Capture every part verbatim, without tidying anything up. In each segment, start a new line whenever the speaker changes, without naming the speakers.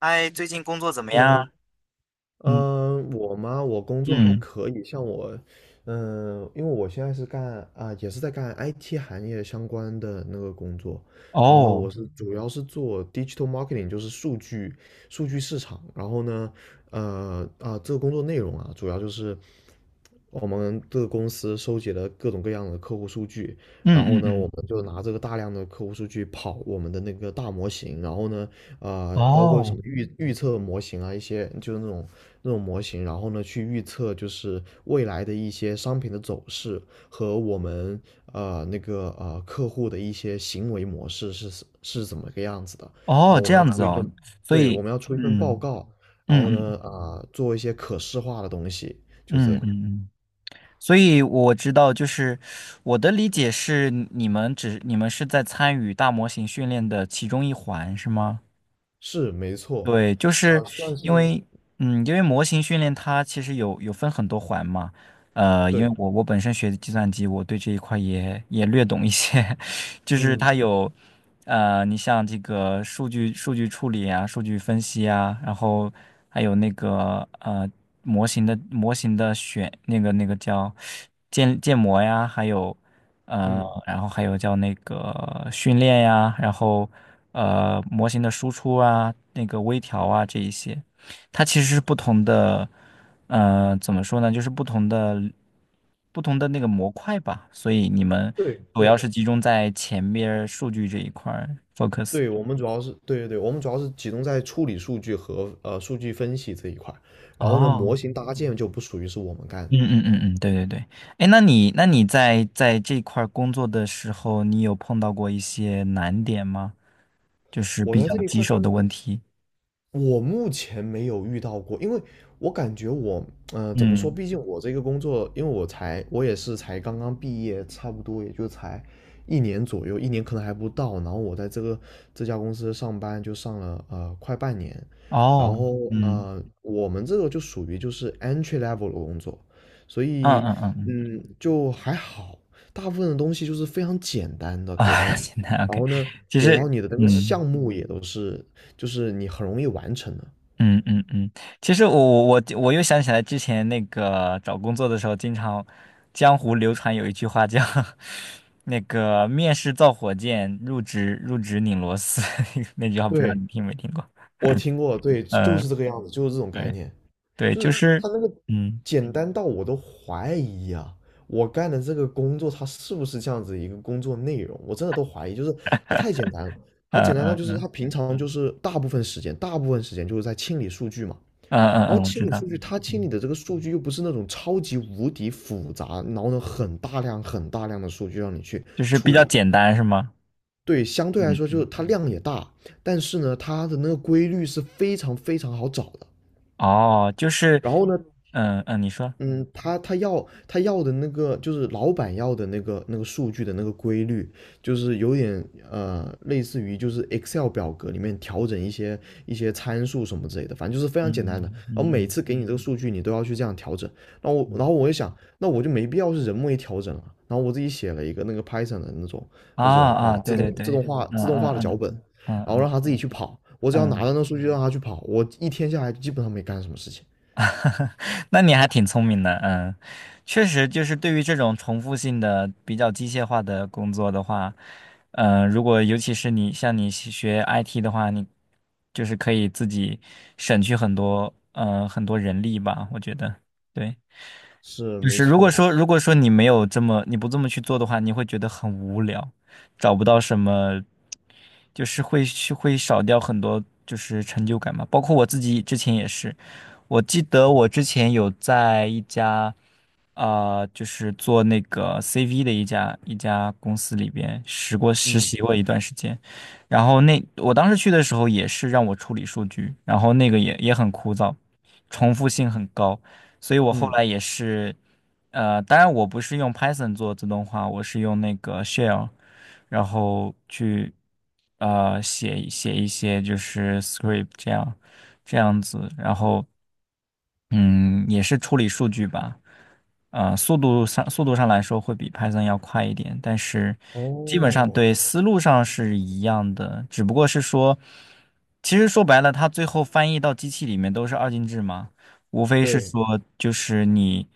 嗨，最近工作怎么样？
Hello。嗯。
嗯
呃我吗？我工作还
嗯
可以，像我，嗯，因为我现在是干啊、也是在干 I T 行业相关的那个工作。然后我
哦，
是主要是做 digital marketing，就是数据数据市场。然后呢，呃啊、这个工作内容啊，主要就是我们这个公司收集了各种各样的客户数据。然
嗯
后
嗯
呢，我
嗯
们就拿这个大量的客户数据跑我们的那个大模型。然后呢，呃，包括什
哦
么预预测模型啊，一些就是那种那种模型。然后呢，去预测就是未来的一些商品的走势和我们呃那个呃客户的一些行为模式是是怎么个样子的。然
哦，
后我
这
们要
样子
出一
哦，
份。
所
对，我
以
们要出一份报
嗯
告。然
嗯
后
嗯
呢，啊、做一些可视化的东西，就这
嗯
样。
嗯嗯，所以我知道，就是我的理解是，你们只你们是在参与大模型训练的其中一环，是吗？
是没错，
对，就是
啊、算
因
是
为，嗯，因为模型训练它其实有有分很多环嘛，呃，因
对。
为我我本身学的计算机，我对这一块也也略懂一些，就是
嗯
它有，呃，你像这个数据数据处理啊，数据分析啊，然后还有那个呃模型的模型的选那个那个叫建建模呀，还有。呃，
嗯，
然后还有叫那个训练呀，然后呃模型的输出啊，那个微调啊这一些，它其实是不同的，呃，怎么说呢，就是不同的不同的那个模块吧，所以你们
对
主要
对
是集中在前面儿数据这一块儿 focus。
对，我们主要是对对对，我们主要是集中在处理数据和呃数据分析这一块儿。然后呢，模
哦，
型搭建就不属于是我们干的。
嗯嗯嗯嗯，对对对，哎，那你那你在在这块儿工作的时候，你有碰到过一些难点吗？就是
我
比
在
较
这一
棘
块
手的
工
问题。
我目前没有遇到过，因为我感觉我，呃，怎么说？
嗯。
毕竟我这个工作，因为我才，我也是才刚刚毕业，差不多也就才一年左右，一年可能还不到。然后我在这个这家公司上班，就上了呃快半年。然
哦，
后
嗯，
呃，我们这个就属于就是 entry level 的工作。所
嗯
以
嗯嗯嗯嗯
嗯，就还好，大部分的东西就是非常简单的给到
啊，
你。
现在
然
OK，
后呢，
其
给到
实，
你的那个
嗯
项目也都是就是你很容易完成的。
嗯嗯嗯，其实我我我我又想起来之前那个找工作的时候，经常江湖流传有一句话叫 那个面试造火箭，入职入职拧螺丝，那句话不知道
对，
你听没听过？
我听过，对，就是
嗯，
这个样子，就是这种概
对
念。
对，
就
就
是
是，
他那个
嗯
简单到我都怀疑啊。我干的这个工作它是不是这样子一个工作内容，我真的都怀疑。就是它太简单了。它
嗯
简单到
嗯
就是他
嗯
平常就是大部分时间，大部分时间就是在清理数据嘛。
嗯嗯
然后
嗯，我
清
知
理
道，
数据，他清理
嗯，
的这个数据又不是那种超级无敌复杂。然后呢很大量很大量的数据让你去
就是比
处
较
理。
简单是吗？
对，相对来
嗯
说就是
嗯，
它量也大，但是呢，它的那个规律是非常非常好找的。
哦，就是，
然后呢，
嗯嗯，你说。
嗯，他他要他要的那个就是老板要的那个那个数据的那个规律。就是有点呃类似于就是 Excel 表格里面调整一些一些参数什么之类的，反正就是非常简单的。
嗯嗯
然后每
嗯，
次给你这个数据，你都要去这样调整。那我然后我就想，那我就没必要是人为调整了。然后我自己写了一个那个 Python 的那种
啊
那种啊
啊，
自
对
动
对对，
自动化
嗯
自动化的
嗯
脚本。
嗯
然后
嗯
让他自己去跑。我只
嗯
要拿到
嗯，
那个数据让他去跑，我一天下来基本上没干什么事情。
那你还挺聪明的，嗯，确实就是对于这种重复性的、比较机械化的工作的话，嗯，如果尤其是你像你是学 I T 的话，你就是可以自己省去很多，呃，很多人力吧，我觉得，对，
是
就
没
是如果
错。
说如果说你没有这么你不这么去做的话，你会觉得很无聊，找不到什么，就是会去会少掉很多就是成就感嘛。包括我自己之前也是，我记得我之前有在一家，呃，就是做那个 C V 的一家一家公司里边实过实
嗯。
习过一段时间，然后那我当时去的时候也是让我处理数据，然后那个也也很枯燥，重复性很高，所以我后
嗯，
来也是，呃，当然我不是用 Python 做自动化，我是用那个 Shell，然后去呃写写一些就是 script 这样。这样子，然后嗯，也是处理数据吧。呃，速度上速度上来说会比 Python 要快一点，但是基本上
哦，
对思路上是一样的，只不过是说，其实说白了，它最后翻译到机器里面都是二进制嘛，无非是
对
说就是你，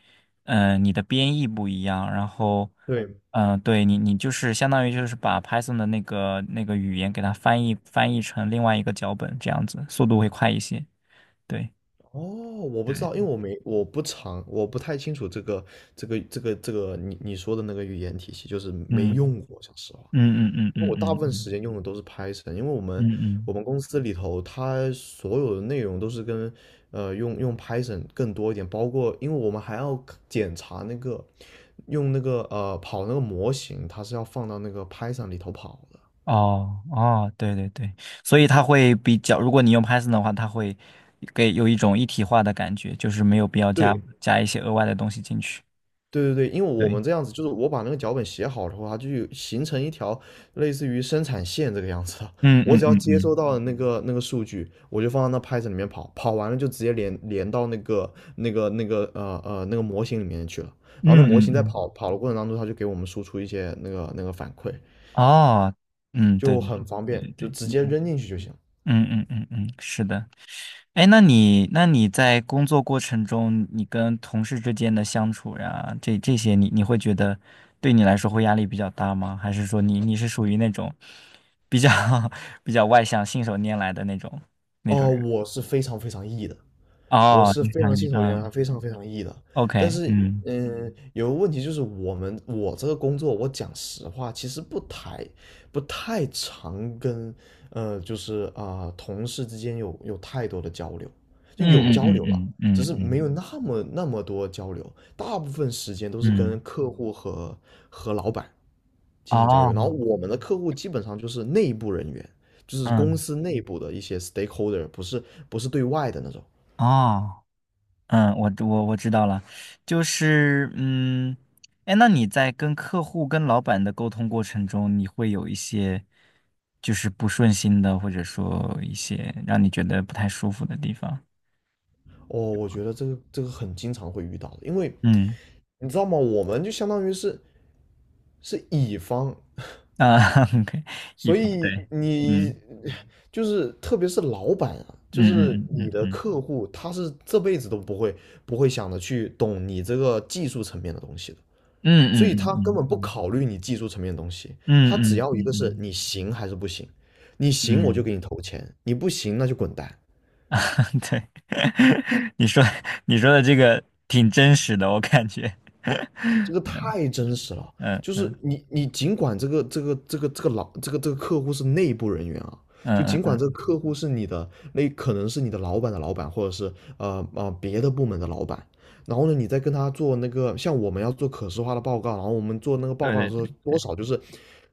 嗯、你的编译不一样，然后，
对。
嗯、对你你就是相当于就是把 Python 的那个那个语言给它翻译翻译成另外一个脚本这样子，速度会快一些，对。
哦，我不知道，因为我没我不常我不太清楚这个这个这个这个你你说的那个语言体系，就是没
嗯。
用过，讲实话。
嗯嗯嗯
因为
嗯
我大
嗯
部分
嗯
时间用的都是 Python。因为我们
嗯嗯，
我们公司里头它所有的内容都是跟呃用用 Python 更多一点。包括因为我们还要检查那个用那个呃跑那个模型，它是要放到那个 Python 里头跑的。
哦哦，对对对，所以它会比较，如果你用 Python 的话，它会给有一种一体化的感觉，就是没有必要加
对，
加一些额外的东西进去。
对对对。因为我们
对，
这样子，就是我把那个脚本写好的话，它就有形成一条类似于生产线这个样子的。
嗯
我
嗯
只要
嗯
接
嗯
收到了那个那个数据，我就放到那 Python 里面跑，跑完了就直接连连到那个那个那个呃呃那个模型里面去了。然后那
嗯
模
嗯
型在
嗯，
跑跑的过程当中，它就给我们输出一些那个那个反馈。
哦，嗯，对
就
对
很方
对对
便，就
对，
直接
嗯
扔进去就行。
嗯嗯嗯嗯，是的。哎，那你那你在工作过程中，你跟同事之间的相处呀，这这些你，你会觉得对你来说会压力比较大吗？还是说你你是属于那种比较 比较外向、信手拈来的那种那种
哦，
人？
我是非常非常 E 的。我
哦，
是
你
非
想
常
你
信手拈
嗯
来，非常非常 E 的。但
，OK，
是，
嗯
嗯，有个问题就是我们我这个工作，我讲实话，其实不太不太常跟呃，就是啊、同事之间有有太多的交流。就有
嗯
交
嗯
流了，
嗯
只
嗯
是没
嗯
有嗯那么那么多交流。大部分时间都是
嗯嗯，
跟客户和和老板进行交流。然后
哦，
我们的客户基本上就是内部人员，就是公
嗯
司内部的一些 stakeholder，不是不是对外的那种。
哦。嗯，我我我知道了，就是嗯，哎，那你在跟客户、跟老板的沟通过程中，你会有一些就是不顺心的，或者说一些让你觉得不太舒服的地方？
哦，我觉得这个这个很经常会遇到的，因为
嗯
你知道吗？我们就相当于是是乙方。
啊 ，OK，一
所
方
以
对，
你
嗯
就是特别是老板啊，就
嗯
是
嗯嗯
你的
嗯
客户。他是这辈子都不会不会想着去懂你这个技术层面的东西的。
嗯
所以
嗯
他根本不
嗯
考虑你技术层面的东西。
嗯
他只
嗯
要一
嗯
个
嗯
是
嗯
你行还是不行，你
嗯，
行我就
嗯
给你投钱，你不行那就滚蛋。
对，你说你说的这个挺真实的，我感觉，
这个太真实了。
嗯
就是
嗯
你你尽管这个这个这个这个老这个这个客户是内部人员啊。就
嗯
尽
嗯
管这
嗯，
个客户是你的那可能是你的老板的老板，或者是呃呃别的部门的老板。然后呢你再跟他做那个像我们要做可视化的报告。然后我们做那个报
对
告的
对
时候，
对，
多少就是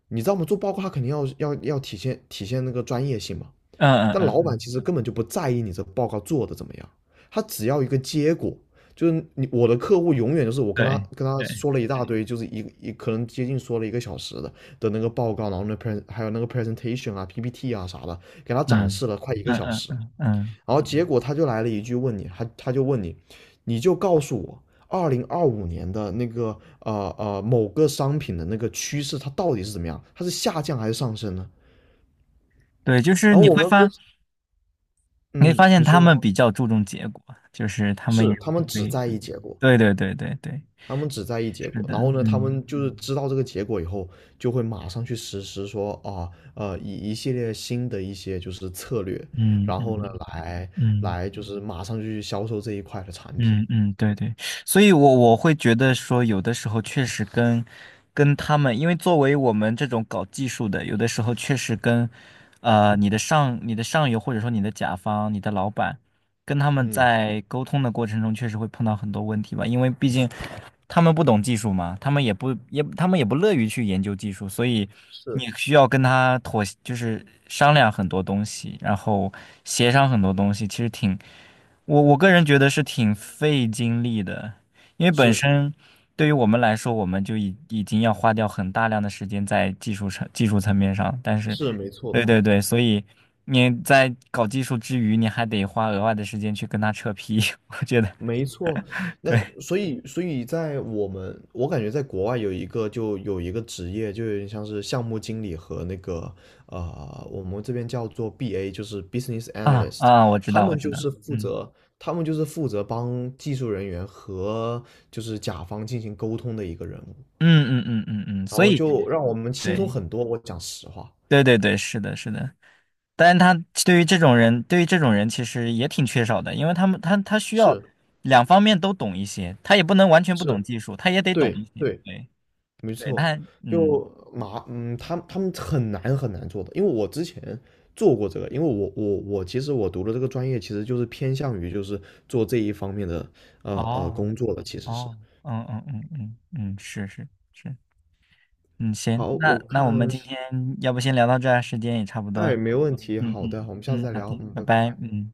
你知道我们做报告。他肯定要要要体现体现那个专业性嘛。
嗯
但
嗯
老板
嗯。
其实根本就不在意你这报告做的怎么样，他只要一个结果。就是你我的客户永远就是我跟他
对
跟他
对，
说了一大堆。就是一一可能接近说了一个小时的的那个报告。然后那 pre 还有那个 presentation 啊、P P T 啊啥的，给他展
嗯
示了快一个
嗯
小
嗯
时。
嗯嗯，
然后结果他就来了一句问你，他他就问你，你就告诉我二零二五年的那个呃呃某个商品的那个趋势它到底是怎么样，它是下降还是上升呢？
对，就是
然后
你会
我们分，
发，你会
嗯，
发现
你
他
说。
们比较注重结果，就是他们也
他们只
会，
在意结果，
对对对对对，
他们只在意结
是
果。
的，
然后呢，他
嗯
们就是知道这个结果以后，就会马上去实施说啊，呃，以一系列新的一些就是策略。
嗯
然后呢，
嗯
来
嗯。
来就是马上就去销售这一块的产品。
嗯嗯，对对，所以我我会觉得说，有的时候确实跟跟他们，因为作为我们这种搞技术的，有的时候确实跟呃你的上你的上游或者说你的甲方、你的老板，跟他们
嗯，
在沟通的过程中，确实会碰到很多问题吧，因为毕竟他们不懂技术嘛，他们也不也他们也不乐于去研究技术，所以
是
你需要跟他妥，就是商量很多东西，然后协商很多东西，其实挺。我我个人觉得是挺费精力的，因为本
是
身对于我们来说，我们就已已经要花掉很大量的时间在技术层技术层面上，但是，
是，没错
对
的。
对对，所以你在搞技术之余，你还得花额外的时间去跟他扯皮，我觉得
没错，那
对
所以所以在我们，我感觉在国外有一个就有一个职业，就有点像是项目经理和那个呃，我们这边叫做 B A，就是 Business
啊
Analyst。
啊，我知
他
道我
们
知
就
道，
是负
嗯
责，他们就是负责帮技术人员和就是甲方进行沟通的一个人物。
嗯嗯嗯嗯嗯，
然
所
后
以
就嗯让我们轻松
对
很多，我讲实话。
对对对，是的是的。但是他对于这种人，对于这种人其实也挺缺少的，因为他们他他需要
是
两方面都懂一些，他也不能完全不懂
是，
技术，他也得懂
对
一些。
对，
对
没
对，
错。
他嗯，
就麻，嗯，他他们很难很难做的。因为我之前做过这个，因为我我我其实我读的这个专业其实就是偏向于就是做这一方面的呃呃
哦
工作的，其实是。
哦，嗯嗯嗯嗯嗯，是是是，嗯行，
好，
那
我
那我们
看，
今天要不先聊到这儿，时间也差不多
哎，
了
没问题，
嗯
好的，
嗯
我们下次
嗯，
再
好的，
聊，嗯，
拜
拜
拜，
拜。
嗯。